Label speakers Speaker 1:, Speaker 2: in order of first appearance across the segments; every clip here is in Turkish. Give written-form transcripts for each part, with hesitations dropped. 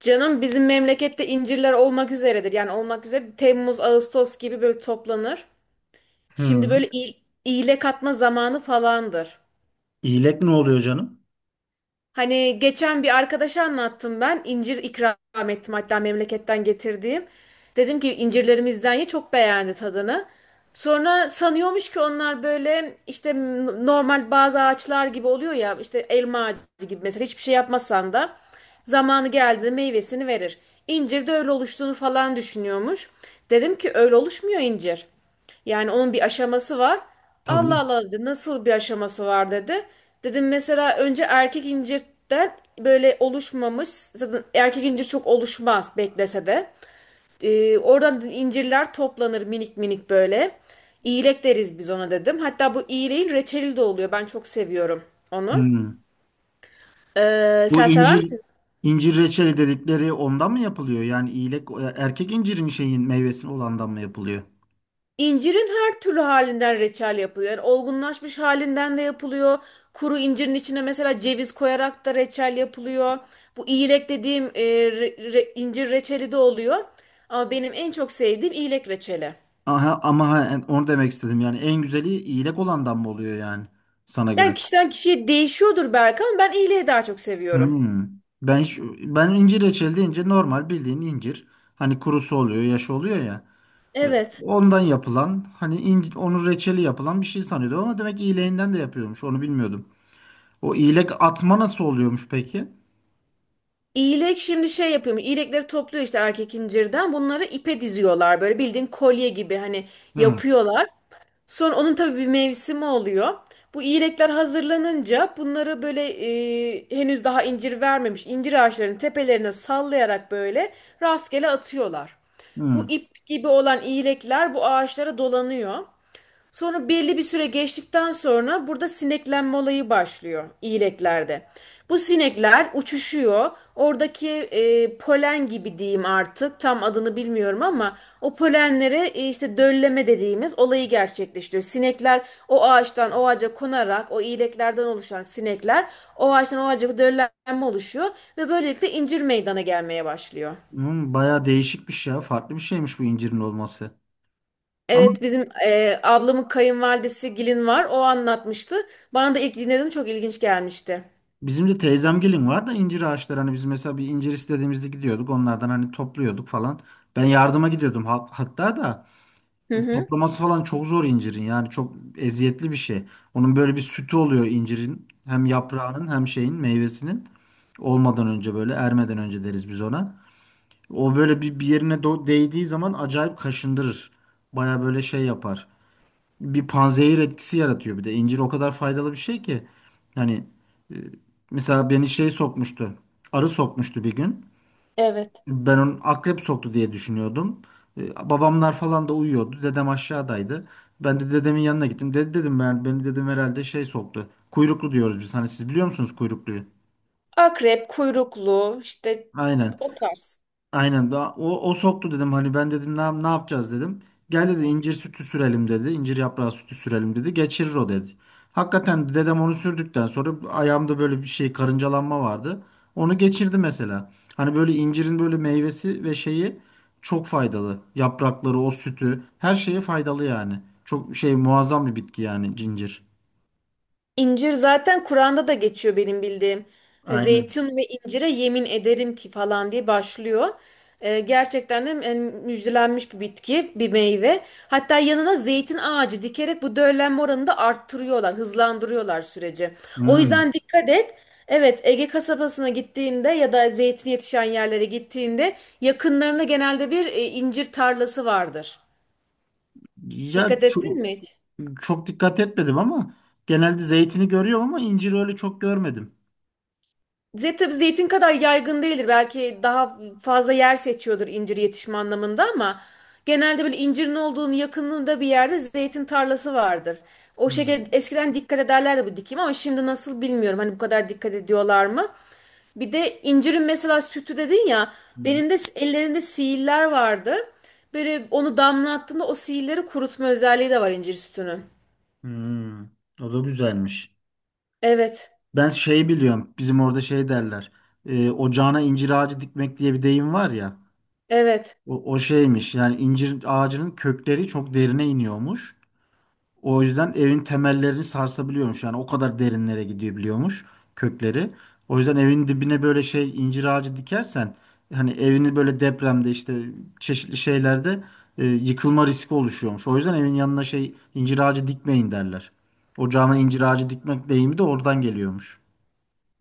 Speaker 1: Canım bizim memlekette incirler olmak üzeredir. Yani olmak üzere Temmuz, Ağustos gibi böyle toplanır.
Speaker 2: Hı.
Speaker 1: Şimdi böyle iyile katma zamanı falandır.
Speaker 2: İyilek ne oluyor canım?
Speaker 1: Hani geçen bir arkadaşa anlattım ben. İncir ikram ettim hatta memleketten getirdiğim. Dedim ki incirlerimizden ye, çok beğendi tadını. Sonra sanıyormuş ki onlar böyle işte normal bazı ağaçlar gibi oluyor ya, işte elma ağacı gibi, mesela hiçbir şey yapmasan da zamanı geldiğinde meyvesini verir. İncir de öyle oluştuğunu falan düşünüyormuş. Dedim ki öyle oluşmuyor incir. Yani onun bir aşaması var. Allah
Speaker 2: Tabii.
Speaker 1: Allah dedi, nasıl bir aşaması var dedi. Dedim mesela önce erkek incirden böyle oluşmamış. Zaten erkek incir çok oluşmaz beklese de. Oradan dedim incirler toplanır minik minik böyle. İyilek deriz biz ona dedim. Hatta bu iyileğin reçeli de oluyor. Ben çok seviyorum onu.
Speaker 2: Hı. Bu
Speaker 1: Sen sever
Speaker 2: incir
Speaker 1: misin?
Speaker 2: incir reçeli dedikleri ondan mı yapılıyor? Yani iyilek erkek incirin şeyin meyvesinin olandan mı yapılıyor?
Speaker 1: İncirin her türlü halinden reçel yapılıyor. Yani olgunlaşmış halinden de yapılıyor. Kuru incirin içine mesela ceviz koyarak da reçel yapılıyor. Bu iyilek dediğim incir reçeli de oluyor. Ama benim en çok sevdiğim iyilek reçeli.
Speaker 2: Aha, ama ha, onu demek istedim. Yani en güzeli iyilek olandan mı oluyor yani sana
Speaker 1: Yani
Speaker 2: göre?
Speaker 1: kişiden kişiye değişiyordur belki ama ben iyileği daha çok
Speaker 2: Hı.
Speaker 1: seviyorum.
Speaker 2: Ben hiç, ben incir reçeli deyince normal bildiğin incir. Hani kurusu oluyor, yaşı oluyor ya. E,
Speaker 1: Evet.
Speaker 2: Ondan yapılan hani incir, onun reçeli yapılan bir şey sanıyordum ama demek iyileğinden de yapıyormuş. Onu bilmiyordum. O iğlek atma nasıl oluyormuş peki?
Speaker 1: İğlek şimdi şey yapıyormuş. İğlekleri topluyor işte erkek incirden. Bunları ipe diziyorlar. Böyle bildiğin kolye gibi hani
Speaker 2: Hı.
Speaker 1: yapıyorlar. Sonra onun tabii bir mevsimi oluyor. Bu iğlekler hazırlanınca bunları böyle henüz daha incir vermemiş incir ağaçlarının tepelerine sallayarak böyle rastgele atıyorlar. Bu
Speaker 2: Hı.
Speaker 1: ip gibi olan iğlekler bu ağaçlara dolanıyor. Sonra belli bir süre geçtikten sonra burada sineklenme olayı başlıyor iyileklerde. Bu sinekler uçuşuyor. Oradaki polen gibi diyeyim artık, tam adını bilmiyorum, ama o polenlere işte dölleme dediğimiz olayı gerçekleştiriyor. Sinekler o ağaçtan o ağaca konarak, o iyileklerden oluşan sinekler o ağaçtan o ağaca, döllenme oluşuyor ve böylelikle incir meydana gelmeye başlıyor.
Speaker 2: Hı, bayağı değişikmiş ya. Farklı bir şeymiş bu incirin olması. Ama
Speaker 1: Evet, bizim ablamın kayınvalidesi Gilin var. O anlatmıştı. Bana da ilk dinlediğim çok ilginç gelmişti.
Speaker 2: bizim de teyzemgilin var da incir ağaçları. Hani biz mesela bir incir istediğimizde gidiyorduk. Onlardan hani topluyorduk falan. Ben yardıma gidiyordum hatta da
Speaker 1: Hı hı.
Speaker 2: toplaması falan çok zor incirin. Yani çok eziyetli bir şey. Onun böyle bir sütü oluyor incirin. Hem yaprağının hem şeyin meyvesinin. Olmadan önce böyle ermeden önce deriz biz ona. O böyle bir yerine değdiği zaman acayip kaşındırır. Baya böyle şey yapar. Bir panzehir etkisi yaratıyor bir de. İncir o kadar faydalı bir şey ki. Hani e, mesela beni şey sokmuştu. Arı sokmuştu bir gün.
Speaker 1: Evet.
Speaker 2: Ben onun akrep soktu diye düşünüyordum. Babamlar falan da uyuyordu. Dedem aşağıdaydı. Ben de dedemin yanına gittim. Dedi dedim ben beni dedim herhalde şey soktu. Kuyruklu diyoruz biz. Hani siz biliyor musunuz kuyrukluyu?
Speaker 1: Akrep, kuyruklu işte
Speaker 2: Aynen.
Speaker 1: o tarz.
Speaker 2: O soktu dedim hani ben dedim ne yapacağız dedim. Gel dedi incir sütü sürelim dedi. İncir yaprağı sütü sürelim dedi. Geçirir o dedi. Hakikaten dedem onu sürdükten sonra ayağımda böyle bir şey karıncalanma vardı. Onu geçirdi mesela. Hani böyle incirin böyle meyvesi ve şeyi çok faydalı. Yaprakları, o sütü her şeye faydalı yani. Çok şey muazzam bir bitki yani cincir.
Speaker 1: İncir zaten Kur'an'da da geçiyor benim bildiğim. Hani
Speaker 2: Aynen.
Speaker 1: "Zeytin ve incire yemin ederim ki" falan diye başlıyor. Gerçekten de yani müjdelenmiş bir bitki, bir meyve. Hatta yanına zeytin ağacı dikerek bu döllenme oranını da arttırıyorlar, hızlandırıyorlar süreci. O
Speaker 2: Hmm.
Speaker 1: yüzden dikkat et. Evet, Ege kasabasına gittiğinde ya da zeytin yetişen yerlere gittiğinde yakınlarında genelde bir incir tarlası vardır.
Speaker 2: Ya
Speaker 1: Dikkat ettin
Speaker 2: ço-
Speaker 1: mi hiç?
Speaker 2: Çok dikkat etmedim ama genelde zeytini görüyorum ama incir öyle çok görmedim.
Speaker 1: Zeytin, tabii zeytin kadar yaygın değildir. Belki daha fazla yer seçiyordur incir yetişme anlamında, ama genelde böyle incirin olduğunun yakınlığında bir yerde zeytin tarlası vardır. O
Speaker 2: Hı
Speaker 1: şekilde eskiden dikkat ederlerdi bu dikim, ama şimdi nasıl bilmiyorum. Hani bu kadar dikkat ediyorlar mı? Bir de incirin mesela sütü dedin ya,
Speaker 2: hı.
Speaker 1: benim de ellerinde sihirler vardı. Böyle onu damlattığında o sihirleri kurutma özelliği de var incir sütünün.
Speaker 2: Hı. O da güzelmiş.
Speaker 1: Evet,
Speaker 2: Ben şey biliyorum. Bizim orada şey derler. Ocağına incir ağacı dikmek diye bir deyim var ya.
Speaker 1: evet.
Speaker 2: O şeymiş. Yani incir ağacının kökleri çok derine iniyormuş. O yüzden evin temellerini sarsabiliyormuş. Yani o kadar derinlere gidebiliyormuş kökleri. O yüzden evin dibine böyle şey incir ağacı dikersen hani evini böyle depremde işte çeşitli şeylerde yıkılma riski oluşuyormuş. O yüzden evin yanına şey incir ağacı dikmeyin derler. Ocağıma incir ağacı dikmek deyimi de oradan geliyormuş.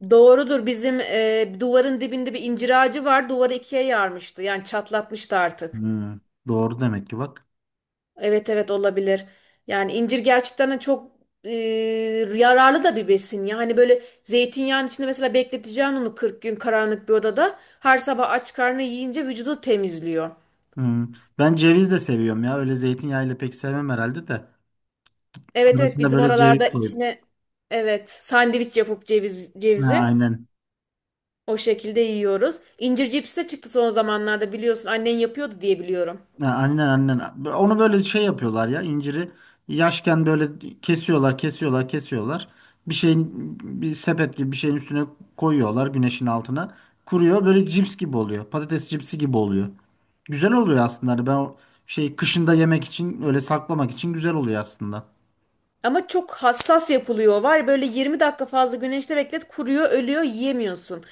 Speaker 1: Doğrudur. Bizim duvarın dibinde bir incir ağacı var. Duvarı ikiye yarmıştı. Yani çatlatmıştı artık.
Speaker 2: Hmm, doğru demek ki bak.
Speaker 1: Evet evet, olabilir. Yani incir gerçekten de çok e, yararlı da bir besin. Yani böyle zeytinyağının içinde mesela bekleteceğin onu 40 gün karanlık bir odada. Her sabah aç karnına yiyince vücudu temizliyor.
Speaker 2: Hmm. Ben ceviz de seviyorum ya. Öyle zeytinyağıyla pek sevmem herhalde de.
Speaker 1: Evet evet,
Speaker 2: Arasına
Speaker 1: bizim
Speaker 2: böyle
Speaker 1: oralarda
Speaker 2: ceviz koyup.
Speaker 1: içine, evet sandviç yapıp ceviz,
Speaker 2: Ha,
Speaker 1: cevizi
Speaker 2: aynen.
Speaker 1: o şekilde yiyoruz. İncir cipsi de çıktı son zamanlarda biliyorsun. Annen yapıyordu diye biliyorum.
Speaker 2: Ha, aynen aynen. Onu böyle şey yapıyorlar ya inciri yaşken böyle kesiyorlar. Bir şeyin Bir sepet gibi bir şeyin üstüne koyuyorlar güneşin altına. Kuruyor böyle cips gibi oluyor. Patates cipsi gibi oluyor. Güzel oluyor aslında. Hani ben o şey kışında yemek için öyle saklamak için güzel oluyor aslında.
Speaker 1: Ama çok hassas yapılıyor var. Böyle 20 dakika fazla güneşte beklet, kuruyor, ölüyor, yiyemiyorsun.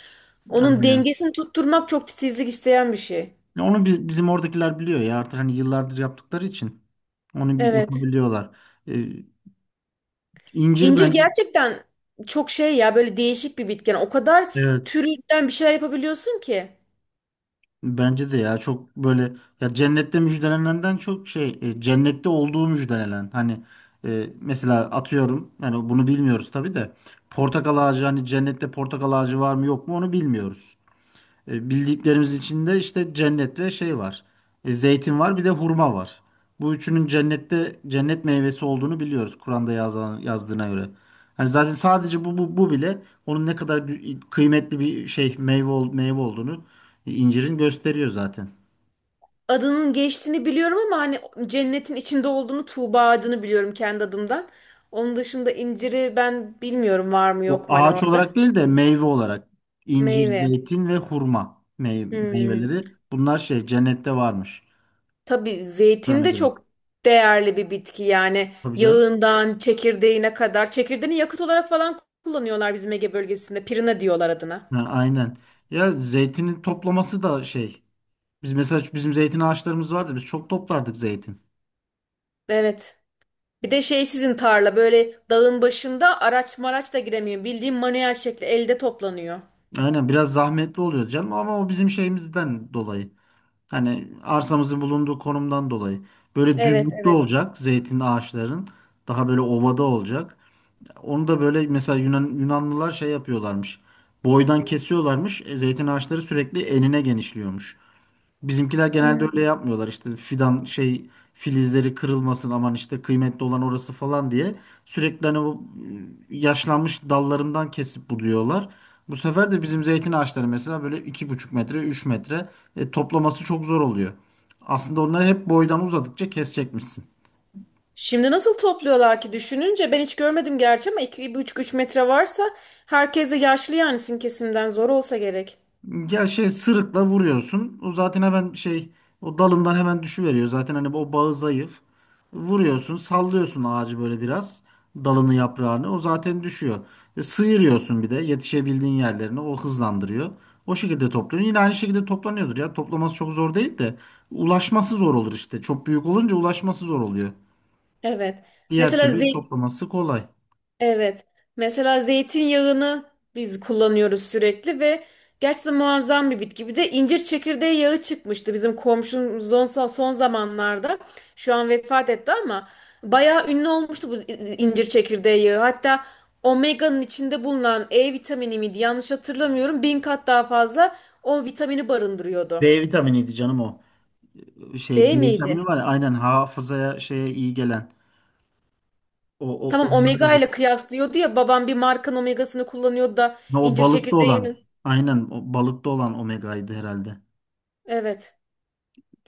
Speaker 1: Onun
Speaker 2: Aynen.
Speaker 1: dengesini tutturmak çok titizlik isteyen bir şey.
Speaker 2: Bizim oradakiler biliyor ya artık hani yıllardır yaptıkları için. Onu bir
Speaker 1: Evet.
Speaker 2: yapabiliyorlar. Ee, incir
Speaker 1: İncir
Speaker 2: bence
Speaker 1: gerçekten çok şey ya, böyle değişik bir bitken. O kadar
Speaker 2: evet.
Speaker 1: türünden bir şeyler yapabiliyorsun ki.
Speaker 2: Bence de ya çok böyle cennette olduğu müjdelenen hani mesela atıyorum yani bunu bilmiyoruz tabii de portakal ağacı hani cennette portakal ağacı var mı yok mu onu bilmiyoruz. Bildiklerimiz içinde işte cennet ve şey var. Zeytin var bir de hurma var. Bu üçünün cennette cennet meyvesi olduğunu biliyoruz Kur'an'da yazan, yazdığına göre. Hani zaten sadece bu bile onun ne kadar kıymetli bir şey meyve, meyve olduğunu incirin gösteriyor zaten.
Speaker 1: Adının geçtiğini biliyorum, ama hani cennetin içinde olduğunu, Tuğba ağacını biliyorum kendi adımdan. Onun dışında inciri ben bilmiyorum var mı
Speaker 2: O
Speaker 1: yok mu hani
Speaker 2: ağaç
Speaker 1: orada.
Speaker 2: olarak değil de meyve olarak incir,
Speaker 1: Meyve.
Speaker 2: zeytin ve hurma
Speaker 1: Hmm.
Speaker 2: meyveleri bunlar şey cennette varmış
Speaker 1: Tabii zeytin
Speaker 2: Kur'an'a
Speaker 1: de
Speaker 2: göre.
Speaker 1: çok değerli bir bitki, yani
Speaker 2: Tabii canım.
Speaker 1: yağından çekirdeğine kadar. Çekirdeğini yakıt olarak falan kullanıyorlar bizim Ege bölgesinde. Pirina diyorlar adına.
Speaker 2: Ha, aynen. Ya zeytinin toplaması da şey. Biz mesela bizim zeytin ağaçlarımız vardı. Biz çok toplardık zeytin.
Speaker 1: Evet. Bir de şey, sizin tarla böyle dağın başında, araç maraç da giremiyor. Bildiğin manuel şekli, elde toplanıyor.
Speaker 2: Aynen biraz zahmetli oluyor canım ama o bizim şeyimizden dolayı. Hani arsamızın bulunduğu konumdan dolayı. Böyle
Speaker 1: Evet
Speaker 2: düzlükte
Speaker 1: evet.
Speaker 2: olacak zeytin ağaçların. Daha böyle ovada olacak. Onu da böyle mesela Yunanlılar şey yapıyorlarmış. Boydan kesiyorlarmış. Zeytin ağaçları sürekli enine genişliyormuş. Bizimkiler genelde öyle
Speaker 1: Hmm.
Speaker 2: yapmıyorlar işte fidan şey filizleri kırılmasın aman işte kıymetli olan orası falan diye sürekli hani yaşlanmış dallarından kesip buluyorlar. Bu sefer de bizim zeytin ağaçları mesela böyle 2,5 metre 3 metre toplaması çok zor oluyor. Aslında onları hep boydan uzadıkça kesecekmişsin.
Speaker 1: Şimdi nasıl topluyorlar ki düşününce, ben hiç görmedim gerçi, ama 2 üç metre varsa herkes de yaşlı, yani sizin kesimden zor olsa gerek.
Speaker 2: Ya şey sırıkla vuruyorsun. O zaten hemen şey o dalından hemen düşüveriyor. Zaten hani o bağı zayıf. Vuruyorsun, sallıyorsun ağacı böyle biraz. Dalını, yaprağını. O zaten düşüyor. Sıyırıyorsun bir de yetişebildiğin yerlerine. O hızlandırıyor. O şekilde topluyorsun. Yine aynı şekilde toplanıyordur ya. Toplaması çok zor değil de ulaşması zor olur işte. Çok büyük olunca ulaşması zor oluyor.
Speaker 1: Evet.
Speaker 2: Diğer
Speaker 1: Mesela
Speaker 2: türlü
Speaker 1: zil
Speaker 2: toplaması kolay.
Speaker 1: Evet. Mesela zeytinyağını biz kullanıyoruz sürekli ve gerçekten muazzam bir bitki. Bir de incir çekirdeği yağı çıkmıştı bizim komşumuz son zamanlarda. Şu an vefat etti ama bayağı ünlü olmuştu bu incir çekirdeği yağı. Hatta omega'nın içinde bulunan E vitamini miydi? Yanlış hatırlamıyorum. 1.000 kat daha fazla o vitamini barındırıyordu.
Speaker 2: B vitaminiydi canım o. Şey B
Speaker 1: Değil miydi?
Speaker 2: vitamini var ya aynen hafızaya şeye iyi gelen. O, o,
Speaker 1: Tamam, omega
Speaker 2: onları
Speaker 1: ile kıyaslıyordu ya, babam bir markanın omegasını kullanıyordu da
Speaker 2: ha, o
Speaker 1: incir
Speaker 2: balıkta olan.
Speaker 1: çekirdeği.
Speaker 2: Aynen o balıkta olan omegaydı herhalde.
Speaker 1: Evet.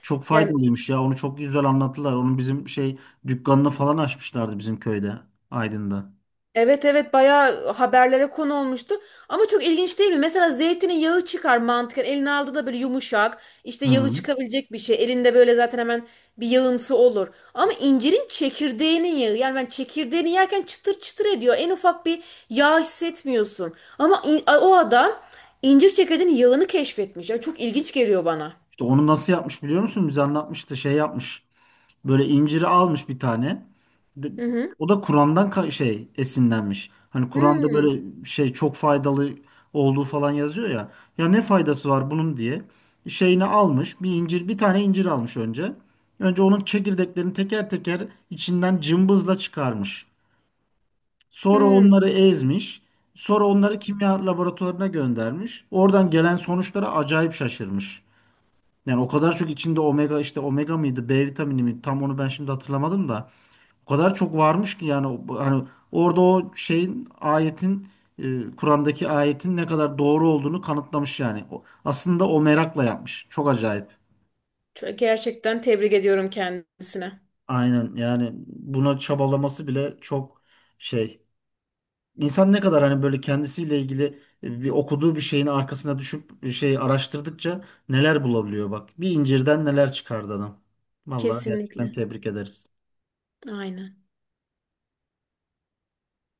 Speaker 2: Çok
Speaker 1: Yani,
Speaker 2: faydalıymış ya. Onu çok güzel anlattılar. Onun bizim şey dükkanını falan açmışlardı bizim köyde, Aydın'da.
Speaker 1: evet evet, bayağı haberlere konu olmuştu. Ama çok ilginç değil mi? Mesela zeytinin yağı çıkar mantıken. Eline aldığı da böyle yumuşak, işte yağı
Speaker 2: Hı.
Speaker 1: çıkabilecek bir şey. Elinde böyle zaten hemen bir yağımsı olur. Ama incirin çekirdeğinin yağı. Yani ben çekirdeğini yerken çıtır çıtır ediyor. En ufak bir yağ hissetmiyorsun. Ama o adam incir çekirdeğinin yağını keşfetmiş. Yani çok ilginç geliyor bana.
Speaker 2: İşte onu nasıl yapmış biliyor musun? Bize anlatmıştı. Şey yapmış. Böyle inciri almış bir tane. De-
Speaker 1: Hı hı.
Speaker 2: O da Kur'an'dan şey esinlenmiş. Hani Kur'an'da
Speaker 1: Hmm,
Speaker 2: böyle şey çok faydalı olduğu falan yazıyor ya. Ya ne faydası var bunun diye. Şeyini almış. Bir tane incir almış önce. Önce onun çekirdeklerini teker teker içinden cımbızla çıkarmış. Sonra
Speaker 1: hmm.
Speaker 2: onları ezmiş. Sonra onları kimya laboratuvarına göndermiş. Oradan gelen sonuçlara acayip şaşırmış. Yani o kadar çok içinde omega işte omega mıydı, B vitamini mi tam onu ben şimdi hatırlamadım da. O kadar çok varmış ki yani hani orada o şeyin ayetin e, Kur'an'daki ayetin ne kadar doğru olduğunu kanıtlamış yani. Aslında o merakla yapmış. Çok acayip.
Speaker 1: Çok- Gerçekten tebrik ediyorum kendisine.
Speaker 2: Aynen yani buna çabalaması bile çok şey. İnsan ne kadar hani böyle kendisiyle ilgili okuduğu bir şeyin arkasına düşüp bir şey araştırdıkça neler bulabiliyor bak. Bir incirden neler çıkardı adam. Vallahi gerçekten
Speaker 1: Kesinlikle.
Speaker 2: tebrik ederiz.
Speaker 1: Aynen.